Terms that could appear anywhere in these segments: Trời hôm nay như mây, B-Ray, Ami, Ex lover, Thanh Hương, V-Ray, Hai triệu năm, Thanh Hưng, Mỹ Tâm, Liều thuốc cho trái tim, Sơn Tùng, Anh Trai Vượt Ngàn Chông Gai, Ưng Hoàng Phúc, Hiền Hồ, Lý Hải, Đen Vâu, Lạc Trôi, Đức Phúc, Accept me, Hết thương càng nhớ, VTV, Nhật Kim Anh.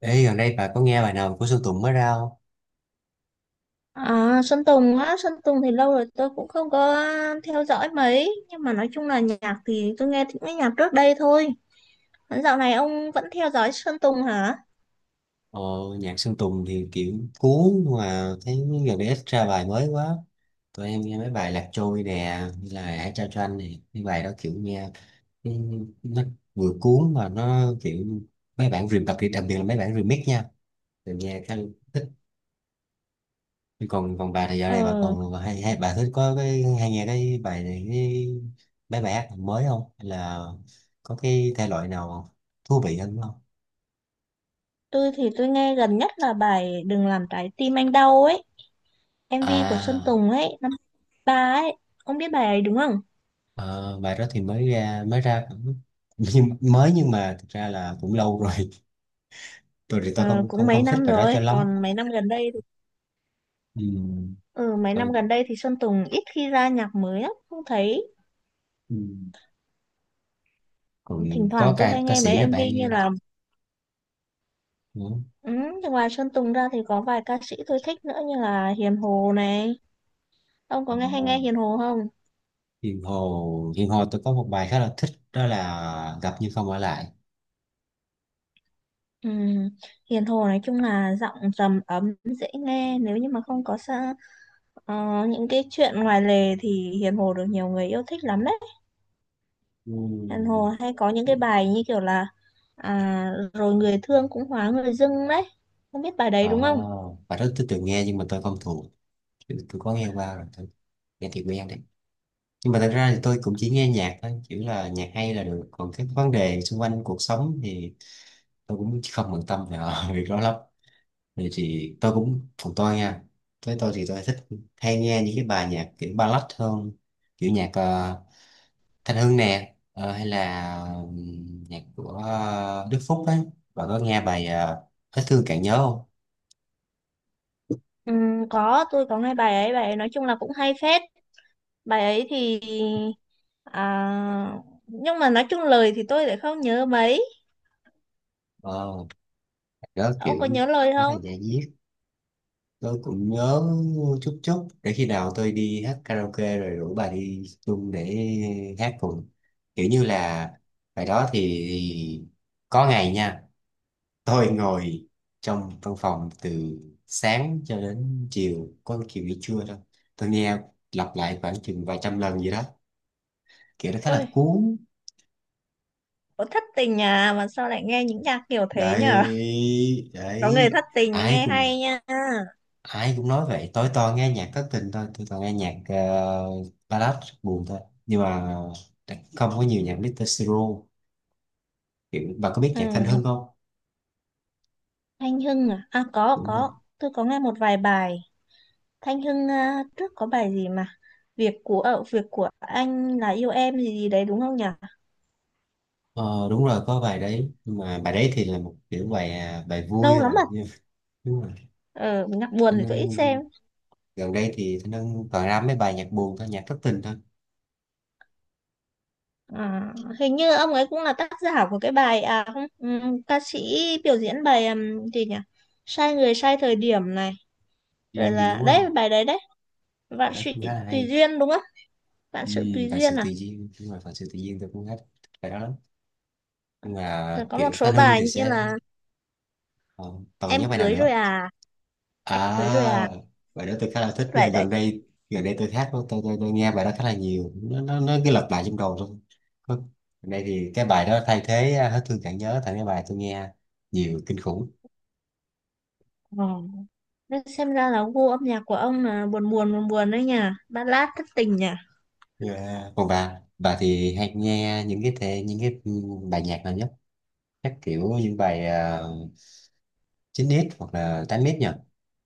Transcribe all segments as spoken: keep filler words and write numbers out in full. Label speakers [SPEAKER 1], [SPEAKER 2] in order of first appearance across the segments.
[SPEAKER 1] Ê, gần đây bà có nghe bài nào của Sơn Tùng mới ra không?
[SPEAKER 2] À, Sơn Tùng á, Sơn Tùng thì lâu rồi tôi cũng không có theo dõi mấy. Nhưng mà nói chung là nhạc thì tôi nghe những cái nhạc trước đây thôi. Còn dạo này ông vẫn theo dõi Sơn Tùng hả?
[SPEAKER 1] Ờ, nhạc Sơn Tùng thì kiểu cuốn mà thấy gần đây ít ra bài mới quá. Tụi em nghe mấy bài Lạc Trôi nè, như là Hãy trao cho anh nè. Cái bài đó kiểu nghe ừ, nó vừa cuốn mà nó kiểu mấy bản remix đặc biệt, đặc biệt là mấy bản remix nha. Tụi nghe khá thích. Còn còn bà thì dạo này bà
[SPEAKER 2] Ờ,
[SPEAKER 1] còn hay, hay bà thích có cái hay nghe cái bài này cái mấy bài hát mới không? Hay là có cái thể loại nào thú vị hơn không?
[SPEAKER 2] tôi thì tôi nghe gần nhất là bài Đừng làm trái tim anh đau ấy, em vê của Sơn
[SPEAKER 1] À.
[SPEAKER 2] Tùng ấy, năm ba ấy. Ông biết bài ấy đúng không?
[SPEAKER 1] Ờ, bài đó thì mới ra, mới ra cũng nhưng mới, nhưng mà thực ra là cũng lâu rồi. Tôi thì tôi
[SPEAKER 2] Ờ,
[SPEAKER 1] không
[SPEAKER 2] cũng
[SPEAKER 1] không
[SPEAKER 2] mấy
[SPEAKER 1] không thích
[SPEAKER 2] năm
[SPEAKER 1] bài đó
[SPEAKER 2] rồi,
[SPEAKER 1] cho lắm.
[SPEAKER 2] còn mấy năm gần đây thì...
[SPEAKER 1] Ừ,
[SPEAKER 2] Ừ, mấy năm
[SPEAKER 1] tôi,
[SPEAKER 2] gần đây thì Sơn Tùng ít khi ra nhạc mới lắm. Không thấy,
[SPEAKER 1] ừ, còn
[SPEAKER 2] thỉnh
[SPEAKER 1] có
[SPEAKER 2] thoảng tôi
[SPEAKER 1] ca
[SPEAKER 2] hay
[SPEAKER 1] ca
[SPEAKER 2] nghe mấy
[SPEAKER 1] sĩ là
[SPEAKER 2] em vê
[SPEAKER 1] bạn
[SPEAKER 2] như
[SPEAKER 1] nghe
[SPEAKER 2] là...
[SPEAKER 1] nữa.
[SPEAKER 2] Ừ, thì ngoài Sơn Tùng ra thì có vài ca sĩ tôi thích nữa như là Hiền Hồ này. Ông
[SPEAKER 1] Ờ,
[SPEAKER 2] có nghe hay nghe Hiền Hồ không?
[SPEAKER 1] Hiền Hồ, Hiền Hồ tôi có một bài khá là thích, đó là gặp nhưng không ở lại.
[SPEAKER 2] Ừ, Hiền Hồ nói chung là giọng trầm ấm dễ nghe, nếu như mà không có sa, ờ, những cái chuyện ngoài lề thì Hiền Hồ được nhiều người yêu thích lắm đấy. Hiền
[SPEAKER 1] Ừ.
[SPEAKER 2] Hồ hay có những cái bài như kiểu là à, rồi người thương cũng hóa người dưng đấy. Không biết bài
[SPEAKER 1] Ờ,
[SPEAKER 2] đấy đúng không?
[SPEAKER 1] bài đó tôi từng nghe nhưng mà tôi không thuộc. Tôi, tôi có nghe qua rồi, tôi nghe thì quen đấy, nhưng mà thật ra thì tôi cũng chỉ nghe nhạc thôi, chỉ là nhạc hay là được, còn các vấn đề xung quanh cuộc sống thì tôi cũng không bận tâm về việc đó lắm. Thì, thì tôi cũng còn tôi nha, với tôi thì tôi thích, hay nghe những cái bài nhạc kiểu ballad hơn, kiểu nhạc ờ, Thanh Hương nè, ờ, hay là ừm, nhạc của ờ, Đức Phúc ấy. Bạn có nghe bài ờ, Hết thương càng nhớ không?
[SPEAKER 2] Ừ, có, tôi có nghe bài ấy, bài ấy nói chung là cũng hay phết. Bài ấy thì... À, nhưng mà nói chung lời thì tôi lại không nhớ mấy.
[SPEAKER 1] ờ, Đó
[SPEAKER 2] Ông có
[SPEAKER 1] kiểu
[SPEAKER 2] nhớ lời
[SPEAKER 1] khá là
[SPEAKER 2] không?
[SPEAKER 1] da diết, tôi cũng nhớ chút chút, để khi nào tôi đi hát karaoke rồi rủ bà đi chung để hát cùng, kiểu như là bài đó thì có ngày nha, tôi ngồi trong văn phòng từ sáng cho đến chiều, có chiều nghỉ trưa thôi, tôi nghe lặp lại khoảng chừng vài trăm lần gì đó, kiểu nó khá
[SPEAKER 2] Ôi,
[SPEAKER 1] là cuốn.
[SPEAKER 2] có thất tình à mà sao lại nghe những nhạc kiểu thế nhở?
[SPEAKER 1] Đấy,
[SPEAKER 2] Có người
[SPEAKER 1] đấy,
[SPEAKER 2] thất tình mới
[SPEAKER 1] ai
[SPEAKER 2] nghe
[SPEAKER 1] cùng
[SPEAKER 2] hay nha.
[SPEAKER 1] ai cũng nói vậy, tối toàn nghe nhạc thất tình thôi, tôi toàn nghe nhạc ờ, ballad buồn thôi, nhưng mà không có nhiều nhạc mít-tơ Siro. Kiểu bà có biết
[SPEAKER 2] Ừ,
[SPEAKER 1] nhạc Thanh Hưng không,
[SPEAKER 2] Thanh Hưng à? À có
[SPEAKER 1] đúng
[SPEAKER 2] có,
[SPEAKER 1] không?
[SPEAKER 2] tôi có nghe một vài bài. Thanh Hưng à, trước có bài gì mà việc của, ở việc của anh là yêu em gì gì đấy đúng không nhở?
[SPEAKER 1] Ờ, đúng rồi, có bài đấy, nhưng mà bài đấy thì là một kiểu bài, à, bài vui
[SPEAKER 2] Lâu lắm
[SPEAKER 1] rồi.
[SPEAKER 2] rồi.
[SPEAKER 1] Nhưng đúng rồi,
[SPEAKER 2] Ờ, nhạc buồn
[SPEAKER 1] Thanh
[SPEAKER 2] thì tôi ít
[SPEAKER 1] Hưng
[SPEAKER 2] xem.
[SPEAKER 1] gần đây thì Thanh Hưng toàn ra mấy bài nhạc buồn thôi, nhạc thất tình thôi.
[SPEAKER 2] À, hình như ông ấy cũng là tác giả của cái bài, à không, ừm, ca sĩ biểu diễn bài, ừm, gì nhỉ, sai người sai thời điểm này,
[SPEAKER 1] Ừ,
[SPEAKER 2] rồi
[SPEAKER 1] đúng
[SPEAKER 2] là
[SPEAKER 1] rồi,
[SPEAKER 2] đấy bài đấy đấy,
[SPEAKER 1] bài
[SPEAKER 2] vạn
[SPEAKER 1] đó
[SPEAKER 2] sự
[SPEAKER 1] cũng khá là
[SPEAKER 2] tùy
[SPEAKER 1] hay.
[SPEAKER 2] duyên đúng không, vạn
[SPEAKER 1] Ừ,
[SPEAKER 2] sự tùy
[SPEAKER 1] bài
[SPEAKER 2] duyên
[SPEAKER 1] sự tự
[SPEAKER 2] à,
[SPEAKER 1] nhiên, đúng rồi, phần sự tự nhiên tôi cũng hết bài đó lắm, nhưng mà
[SPEAKER 2] rồi có một
[SPEAKER 1] kiểu
[SPEAKER 2] số
[SPEAKER 1] Thanh Hưng
[SPEAKER 2] bài
[SPEAKER 1] thì
[SPEAKER 2] như
[SPEAKER 1] sẽ
[SPEAKER 2] là
[SPEAKER 1] ờ, toàn nhớ
[SPEAKER 2] em
[SPEAKER 1] bài nào
[SPEAKER 2] cưới rồi
[SPEAKER 1] nữa.
[SPEAKER 2] à, em cưới rồi
[SPEAKER 1] À,
[SPEAKER 2] à,
[SPEAKER 1] bài đó tôi khá là thích
[SPEAKER 2] cái
[SPEAKER 1] nha.
[SPEAKER 2] bài đấy.
[SPEAKER 1] Gần đây gần đây tôi hát, tôi, tôi, tôi, tôi nghe bài đó khá là nhiều. Nó nó nó cứ lặp lại trong đầu thôi. Có- gần đây thì cái bài đó thay thế, à, hết thương chẳng nhớ thành cái bài tôi nghe nhiều kinh khủng.
[SPEAKER 2] Ờ. Nên xem ra là gu âm nhạc của ông là buồn buồn buồn buồn đấy nhỉ, ballad thất tình nhỉ.
[SPEAKER 1] Yeah. Còn bà bà thì hay nghe những cái thể, những cái ừ, bài nhạc nào nhất? Chắc kiểu những bài uh, chín ích hoặc là tám ích nhỉ?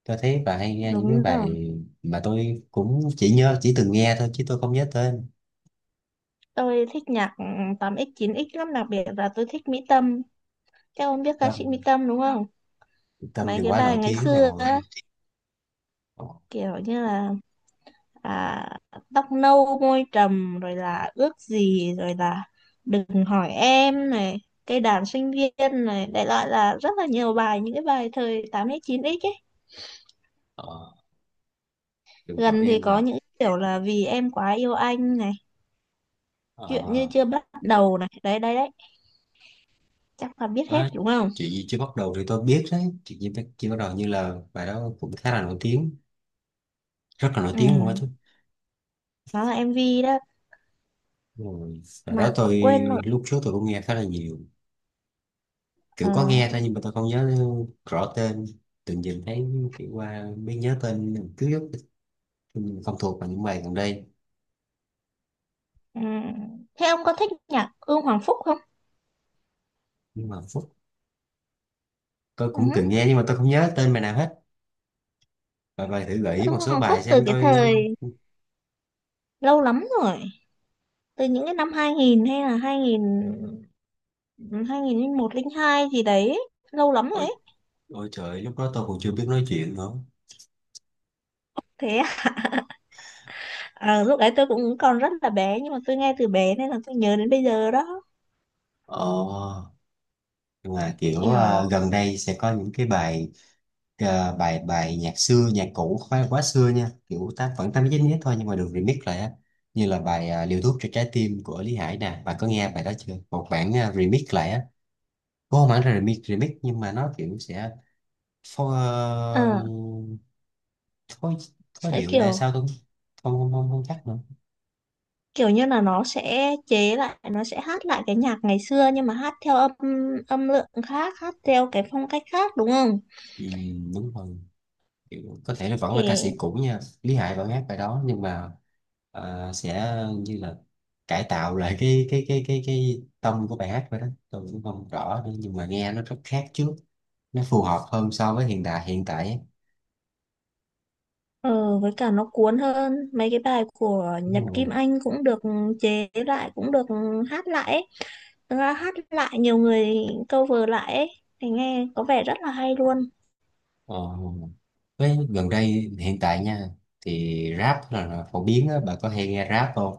[SPEAKER 1] Tôi thấy bà hay nghe những cái
[SPEAKER 2] Đúng rồi,
[SPEAKER 1] bài mà tôi cũng chỉ nhớ, chỉ từng nghe thôi chứ tôi không nhớ tên.
[SPEAKER 2] tôi thích nhạc ừm, tám x chín x lắm, đặc biệt là tôi thích Mỹ Tâm. Các ông biết ca sĩ Mỹ
[SPEAKER 1] Tâm,
[SPEAKER 2] Tâm đúng không?
[SPEAKER 1] Tâm
[SPEAKER 2] Mấy
[SPEAKER 1] thì
[SPEAKER 2] cái
[SPEAKER 1] quá
[SPEAKER 2] bài
[SPEAKER 1] nổi
[SPEAKER 2] ngày
[SPEAKER 1] tiếng
[SPEAKER 2] xưa
[SPEAKER 1] rồi.
[SPEAKER 2] á, kiểu như là à, tóc nâu môi trầm, rồi là ước gì, rồi là đừng hỏi em này, cây đàn sinh viên này, đại loại là rất là nhiều bài, những cái bài thời tám x chín x ấy.
[SPEAKER 1] Ờ. Đừng bảo
[SPEAKER 2] Gần thì
[SPEAKER 1] em
[SPEAKER 2] có
[SPEAKER 1] là
[SPEAKER 2] những kiểu là vì em quá yêu anh này, chuyện như
[SPEAKER 1] ờ,
[SPEAKER 2] chưa bắt đầu này, đấy đấy đấy, chắc là biết
[SPEAKER 1] ờ,
[SPEAKER 2] hết
[SPEAKER 1] á,
[SPEAKER 2] đúng không.
[SPEAKER 1] chuyện gì chưa bắt đầu thì tôi biết đấy, chuyện gì chưa bắt đầu, như là bài đó cũng khá là nổi tiếng, rất là nổi tiếng luôn á chứ.
[SPEAKER 2] Ừ, đó là em MV đó
[SPEAKER 1] Rồi bài đó
[SPEAKER 2] mà
[SPEAKER 1] tôi
[SPEAKER 2] quên rồi.
[SPEAKER 1] lúc trước tôi cũng nghe khá là nhiều,
[SPEAKER 2] ờ,
[SPEAKER 1] kiểu có nghe thôi nhưng mà tôi không nhớ rõ tên, tự nhìn thấy kiểu qua mới nhớ tên, cứ không thuộc vào những bài gần đây.
[SPEAKER 2] ừ. Thế ông có thích nhạc Ưng Hoàng Phúc không?
[SPEAKER 1] Nhưng mà phút tôi cũng từng
[SPEAKER 2] Ừ.
[SPEAKER 1] nghe nhưng mà tôi không nhớ tên bài nào hết. Và bài thử gợi ý
[SPEAKER 2] Ưng
[SPEAKER 1] một số
[SPEAKER 2] Hoàng Phúc
[SPEAKER 1] bài
[SPEAKER 2] từ
[SPEAKER 1] xem
[SPEAKER 2] cái
[SPEAKER 1] tôi.
[SPEAKER 2] thời lâu lắm rồi, từ những cái năm hai nghìn hay là hai nghìn hai nghìn không trăm linh một không hai gì đấy, lâu lắm rồi
[SPEAKER 1] ôi,
[SPEAKER 2] ấy.
[SPEAKER 1] Ôi trời, lúc đó tôi còn chưa biết nói chuyện nữa.
[SPEAKER 2] Thế à, lúc đấy tôi cũng còn rất là bé nhưng mà tôi nghe từ bé nên là tôi nhớ đến bây giờ đó.
[SPEAKER 1] ờ nhưng mà kiểu
[SPEAKER 2] Kiểu
[SPEAKER 1] ờ, gần đây sẽ có những cái bài ờ, bài, bài nhạc xưa, nhạc cũ, không phải là quá xưa nha, kiểu tám vẫn tám chín nhất thôi, nhưng mà được remix lại á, như là bài ờ, liều thuốc cho trái tim của Lý Hải nè, bạn có nghe bài đó chưa? Một bản ờ, remix lại á, có không hẳn là remix, remix nhưng mà nó kiểu sẽ phô, ờ,
[SPEAKER 2] ờ,
[SPEAKER 1] phối, phối
[SPEAKER 2] sẽ
[SPEAKER 1] điệu là
[SPEAKER 2] kiểu,
[SPEAKER 1] sao, tôi không không không không chắc nữa.
[SPEAKER 2] kiểu như là nó sẽ chế lại, nó sẽ hát lại cái nhạc ngày xưa nhưng mà hát theo âm, âm lượng khác, hát theo cái phong cách khác đúng không.
[SPEAKER 1] Ừ, đúng rồi. Kiểu, có thể nó vẫn là ca
[SPEAKER 2] Thì...
[SPEAKER 1] sĩ cũ nha, Lý Hải vẫn hát bài đó nhưng mà ờ, sẽ như là cải tạo lại cái cái cái cái cái tông của bài hát vậy đó, tôi cũng không rõ nữa, nhưng mà nghe nó rất khác trước, nó phù hợp hơn so với hiện đại, hiện tại ấy.
[SPEAKER 2] Ờ, với cả nó cuốn hơn. Mấy cái bài của Nhật
[SPEAKER 1] Đúng
[SPEAKER 2] Kim
[SPEAKER 1] rồi.
[SPEAKER 2] Anh cũng được, chế lại cũng được, hát lại ấy. Thực ra hát lại nhiều người cover lại ấy. Thì nghe có vẻ rất là hay luôn.
[SPEAKER 1] Ờ, với gần đây, hiện tại nha, thì rap là, là phổ biến á, bà có hay nghe rap không?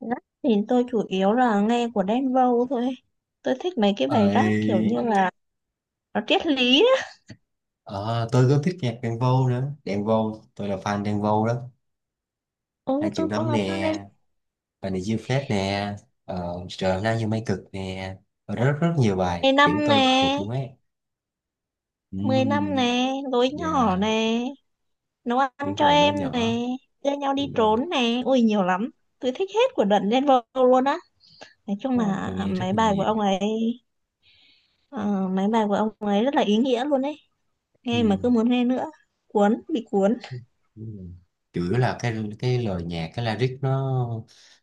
[SPEAKER 2] Rap thì tôi chủ yếu là nghe của Đen Vâu thôi. Tôi thích mấy cái bài rap kiểu như
[SPEAKER 1] Ơi,
[SPEAKER 2] là nó triết lý á.
[SPEAKER 1] ờ, tôi có thích nhạc Đen Vâu nữa, Đen Vâu tôi là fan Đen Vâu đó,
[SPEAKER 2] Ừ,
[SPEAKER 1] hai triệu
[SPEAKER 2] tôi cũng
[SPEAKER 1] năm
[SPEAKER 2] là fan Đen,
[SPEAKER 1] nè, bài này diêu phết nè, ờ, trời hôm nay như mây cực nè, và rất rất nhiều bài
[SPEAKER 2] mười
[SPEAKER 1] kiểu
[SPEAKER 2] năm
[SPEAKER 1] tôi
[SPEAKER 2] nè,
[SPEAKER 1] thuộc luôn ấy.
[SPEAKER 2] mười năm
[SPEAKER 1] Ừm,
[SPEAKER 2] nè, gối nhỏ
[SPEAKER 1] dạ,
[SPEAKER 2] nè, nấu ăn
[SPEAKER 1] đúng
[SPEAKER 2] cho
[SPEAKER 1] rồi, đứa
[SPEAKER 2] em
[SPEAKER 1] nhỏ,
[SPEAKER 2] nè, đưa nhau đi
[SPEAKER 1] đúng rồi,
[SPEAKER 2] trốn nè, ui nhiều lắm. Tôi thích hết của đợt Đen Vâu luôn á, nói chung
[SPEAKER 1] rồi tôi
[SPEAKER 2] là
[SPEAKER 1] nghe rất
[SPEAKER 2] mấy
[SPEAKER 1] là
[SPEAKER 2] bài của
[SPEAKER 1] nhiều.
[SPEAKER 2] ông ấy, ờ, mấy bài của ông ấy rất là ý nghĩa luôn ấy, nghe mà
[SPEAKER 1] Ừm,
[SPEAKER 2] cứ muốn nghe nữa, cuốn, bị cuốn.
[SPEAKER 1] đúng rồi, chủ yếu là cái cái lời nhạc, cái lyric nó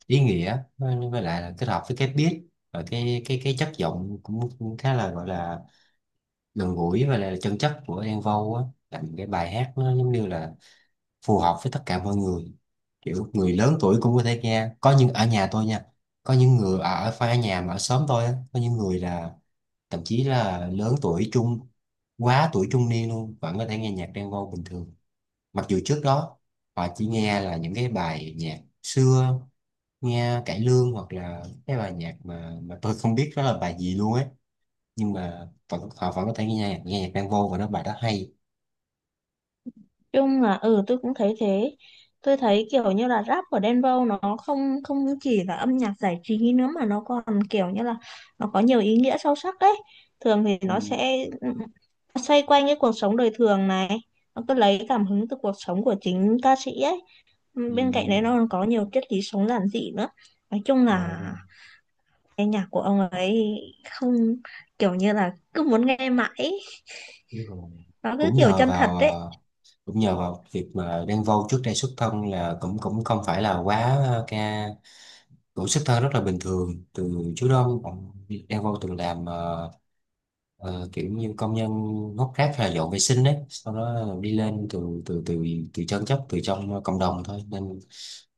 [SPEAKER 1] ý nghĩa, với với lại là kết hợp với cái beat và cái cái cái chất giọng cũng, cũng khá là gọi là gần gũi và là chân chất của Đen Vâu á, làm cái bài hát nó giống như là phù hợp với tất cả mọi người, kiểu người lớn tuổi cũng có thể nghe, có những ở nhà tôi nha, có những người ở ở- phải ở nhà, mà ở xóm tôi á, có những người là thậm chí là lớn tuổi trung, quá tuổi trung niên luôn vẫn có thể nghe nhạc Đen Vâu bình thường, mặc dù trước đó họ chỉ nghe là những cái bài nhạc xưa, nghe cải lương hoặc là cái bài nhạc mà mà tôi không biết đó là bài gì luôn ấy, nhưng mà vẫn, họ vẫn có thể nghe nhạc, nghe nhạc Đen Vâu, và nó bài đó hay.
[SPEAKER 2] Chung là ừ tôi cũng thấy thế, tôi thấy kiểu như là rap của Đen Vâu nó không không chỉ là âm nhạc giải trí nữa mà nó còn kiểu như là nó có nhiều ý nghĩa sâu sắc đấy. Thường thì nó
[SPEAKER 1] Ừ.
[SPEAKER 2] sẽ xoay quanh cái cuộc sống đời thường này, nó cứ lấy cảm hứng từ cuộc sống của chính ca sĩ ấy, bên cạnh đấy nó
[SPEAKER 1] Ừ.
[SPEAKER 2] còn có nhiều triết lý sống giản dị nữa. Nói chung
[SPEAKER 1] Ờ.
[SPEAKER 2] là cái nhạc của ông ấy không, kiểu như là cứ muốn nghe mãi ấy.
[SPEAKER 1] Đúng rồi.
[SPEAKER 2] Nó cứ
[SPEAKER 1] Cũng
[SPEAKER 2] kiểu
[SPEAKER 1] nhờ
[SPEAKER 2] chân thật
[SPEAKER 1] vào
[SPEAKER 2] đấy.
[SPEAKER 1] ờ, cũng nhờ vào việc mà Đen Vâu trước đây xuất thân là cũng, cũng không phải là quá ờ, ca cũng xuất thân rất là bình thường. Từ trước đó ông Đen Vâu từng làm ờ, ờ, kiểu như công nhân hốt rác hay là dọn vệ sinh đấy, sau đó đi lên từ từ, từ từ chân chất, từ trong cộng đồng thôi, nên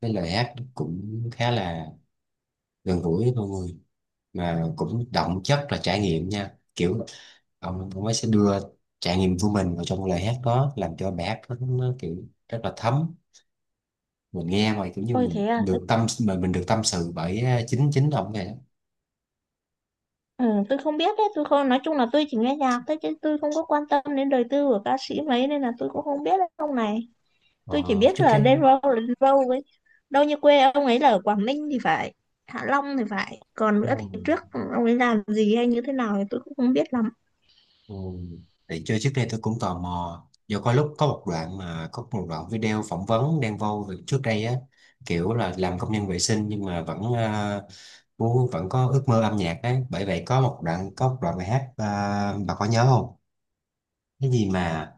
[SPEAKER 1] cái lời hát cũng khá là gần gũi với mọi người, mà cũng đậm chất là trải nghiệm nha, kiểu ông ông ấy sẽ đưa trải nghiệm của mình vào trong lời hát đó, làm cho bài hát nó, nó kiểu rất là thấm, mình nghe mà kiểu như
[SPEAKER 2] Ôi
[SPEAKER 1] mình
[SPEAKER 2] thế à, thế,
[SPEAKER 1] được tâm mà mình được tâm sự bởi ờ, chính, chính ông này đó.
[SPEAKER 2] ừ, tôi không biết đấy, tôi không, nói chung là tôi chỉ nghe nhạc thôi chứ tôi không có quan tâm đến đời tư của ca sĩ mấy, nên là tôi cũng không biết đấy ông này. Tôi chỉ
[SPEAKER 1] ờ,
[SPEAKER 2] biết
[SPEAKER 1] Trước
[SPEAKER 2] là
[SPEAKER 1] đây
[SPEAKER 2] Đen Vâu là Đen Vâu ấy. Đâu như quê ông ấy là ở Quảng Ninh thì phải, Hạ Long thì phải. Còn
[SPEAKER 1] ờ,
[SPEAKER 2] nữa thì trước ông ấy làm gì hay như thế nào thì tôi cũng không biết lắm.
[SPEAKER 1] ừ. Thì chơi trước đây tôi cũng tò mò, do có lúc có một đoạn mà có một đoạn video phỏng vấn Đen Vâu về trước đây á, kiểu là làm công nhân vệ sinh nhưng mà vẫn, à, muốn, vẫn có ước mơ âm nhạc ấy, bởi vậy có một đoạn, có một đoạn bài hát, à, bà có nhớ không? Cái gì mà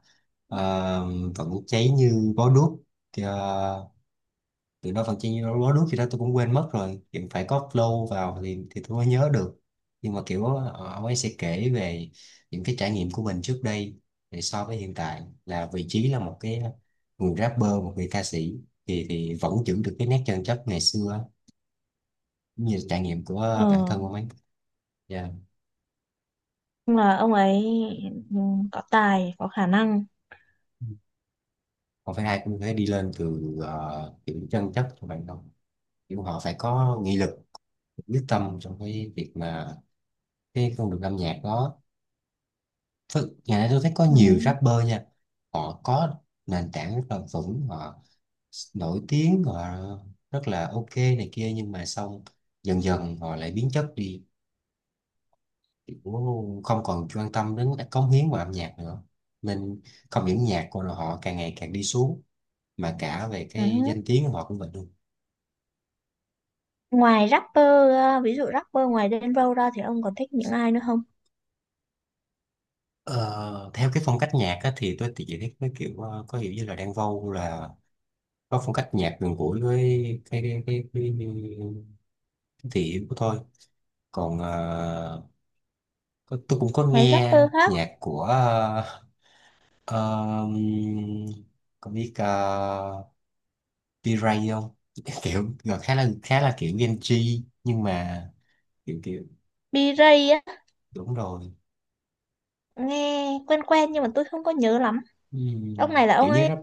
[SPEAKER 1] ờ, vẫn cháy như bó đuốc, ờ, từ đó phần chi nó lúa nước gì đó, tôi cũng quên mất rồi, kiểu phải có flow vào thì thì tôi mới nhớ được, nhưng mà kiểu ờ, ông ấy sẽ kể về những cái trải nghiệm của mình trước đây, thì so với hiện tại là vị trí là một cái người rapper, một người ca sĩ, thì thì vẫn giữ được cái nét chân chất ngày xưa, cũng như trải nghiệm của bản thân
[SPEAKER 2] Ờ,
[SPEAKER 1] ông ấy. Dạ,
[SPEAKER 2] nhưng mà ông ấy, ừ, có tài, có khả năng.
[SPEAKER 1] không phải ai cũng phải đi lên từ ờ, kiểu chân chất của bạn đâu, kiểu họ phải có nghị lực, quyết tâm trong cái việc mà cái con đường âm nhạc đó. Thực- ngày nay tôi thấy có
[SPEAKER 2] Ừ.
[SPEAKER 1] nhiều rapper nha, họ có nền tảng rất là vững, họ nổi tiếng, họ rất là ok này kia, nhưng mà xong dần dần họ lại biến chất đi. Kiểu không còn quan tâm đến các cống hiến vào âm nhạc nữa, nên không những nhạc của họ càng ngày càng đi xuống, mà cả về
[SPEAKER 2] Ừ.
[SPEAKER 1] cái danh tiếng của họ cũng vậy luôn.
[SPEAKER 2] Ngoài rapper, ờ, ví dụ rapper ngoài Denver ra thì ông còn thích những ai nữa không?
[SPEAKER 1] Ờ, theo cái phong cách nhạc á, thì tôi thì chỉ thấy cái kiểu ờ, có hiểu như là Đan Vâu là có phong cách nhạc gần gũi với cái cái cái, cái, cái thị hiếu của tôi, còn ờ, có, tôi cũng có
[SPEAKER 2] Ngoài
[SPEAKER 1] nghe
[SPEAKER 2] rapper khác,
[SPEAKER 1] nhạc của ờ, ờm, có biết uh, V-Ray không? Kiểu rồi khá là khá là kiểu Gen Z nhưng mà kiểu kiểu
[SPEAKER 2] B-Ray á,
[SPEAKER 1] đúng rồi.
[SPEAKER 2] nghe quen quen nhưng mà tôi không có nhớ lắm. Ông này
[SPEAKER 1] Ừm,
[SPEAKER 2] là
[SPEAKER 1] kiểu
[SPEAKER 2] ông
[SPEAKER 1] như
[SPEAKER 2] ấy
[SPEAKER 1] rap,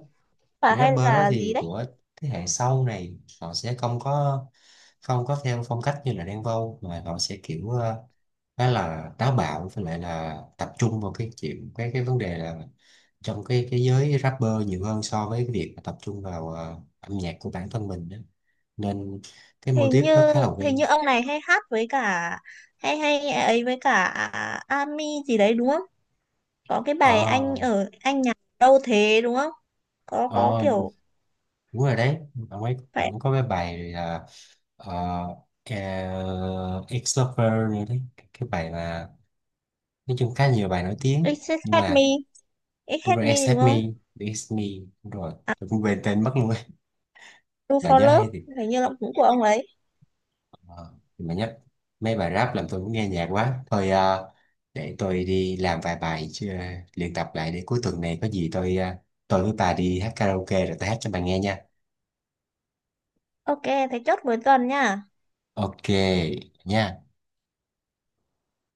[SPEAKER 2] và
[SPEAKER 1] kiểu
[SPEAKER 2] hay
[SPEAKER 1] rapper đó
[SPEAKER 2] là gì
[SPEAKER 1] thì
[SPEAKER 2] đấy?
[SPEAKER 1] của thế hệ sau này, họ sẽ không có không có theo phong cách như là Đen Vâu, mà họ sẽ kiểu ờ, khá là táo bạo, với lại là tập trung vào cái chuyện cái cái vấn đề là trong cái cái giới rapper nhiều hơn so với cái việc mà tập trung vào ờ, âm nhạc của bản thân mình đó. Nên cái mô
[SPEAKER 2] Hình
[SPEAKER 1] típ nó
[SPEAKER 2] như,
[SPEAKER 1] khá là
[SPEAKER 2] hình
[SPEAKER 1] quen.
[SPEAKER 2] như ông này hay hát với cả hay hay ấy, với cả Ami gì đấy đúng không? Có cái bài anh
[SPEAKER 1] ờ
[SPEAKER 2] ở anh nhà đâu thế đúng không? Có có
[SPEAKER 1] ờ
[SPEAKER 2] kiểu
[SPEAKER 1] Đúng rồi đấy, ông ấy
[SPEAKER 2] phải,
[SPEAKER 1] ông có cái bài là uh, ex lover nữa đấy, cái bài mà nói chung khá nhiều bài nổi tiếng
[SPEAKER 2] It's
[SPEAKER 1] nhưng
[SPEAKER 2] Hate
[SPEAKER 1] mà
[SPEAKER 2] Me, It's
[SPEAKER 1] đúng
[SPEAKER 2] Hate
[SPEAKER 1] rồi,
[SPEAKER 2] Me đúng
[SPEAKER 1] accept me,
[SPEAKER 2] không?
[SPEAKER 1] accept me, đúng rồi,
[SPEAKER 2] À,
[SPEAKER 1] tôi cũng quên tên mất luôn ấy.
[SPEAKER 2] Do
[SPEAKER 1] Bà
[SPEAKER 2] For
[SPEAKER 1] nhớ
[SPEAKER 2] Love
[SPEAKER 1] hay thì.
[SPEAKER 2] hình như là cũng của ông ấy.
[SPEAKER 1] Ờ, mà nhắc mấy bài rap làm tôi muốn nghe nhạc quá thôi, ờ, để tôi đi làm vài bài chứ, ờ, luyện tập lại, để cuối tuần này có gì tôi, ờ, tôi với bà đi hát karaoke rồi tôi hát cho bà nghe nha.
[SPEAKER 2] Ok, thế chốt cuối tuần nha.
[SPEAKER 1] Ok nha.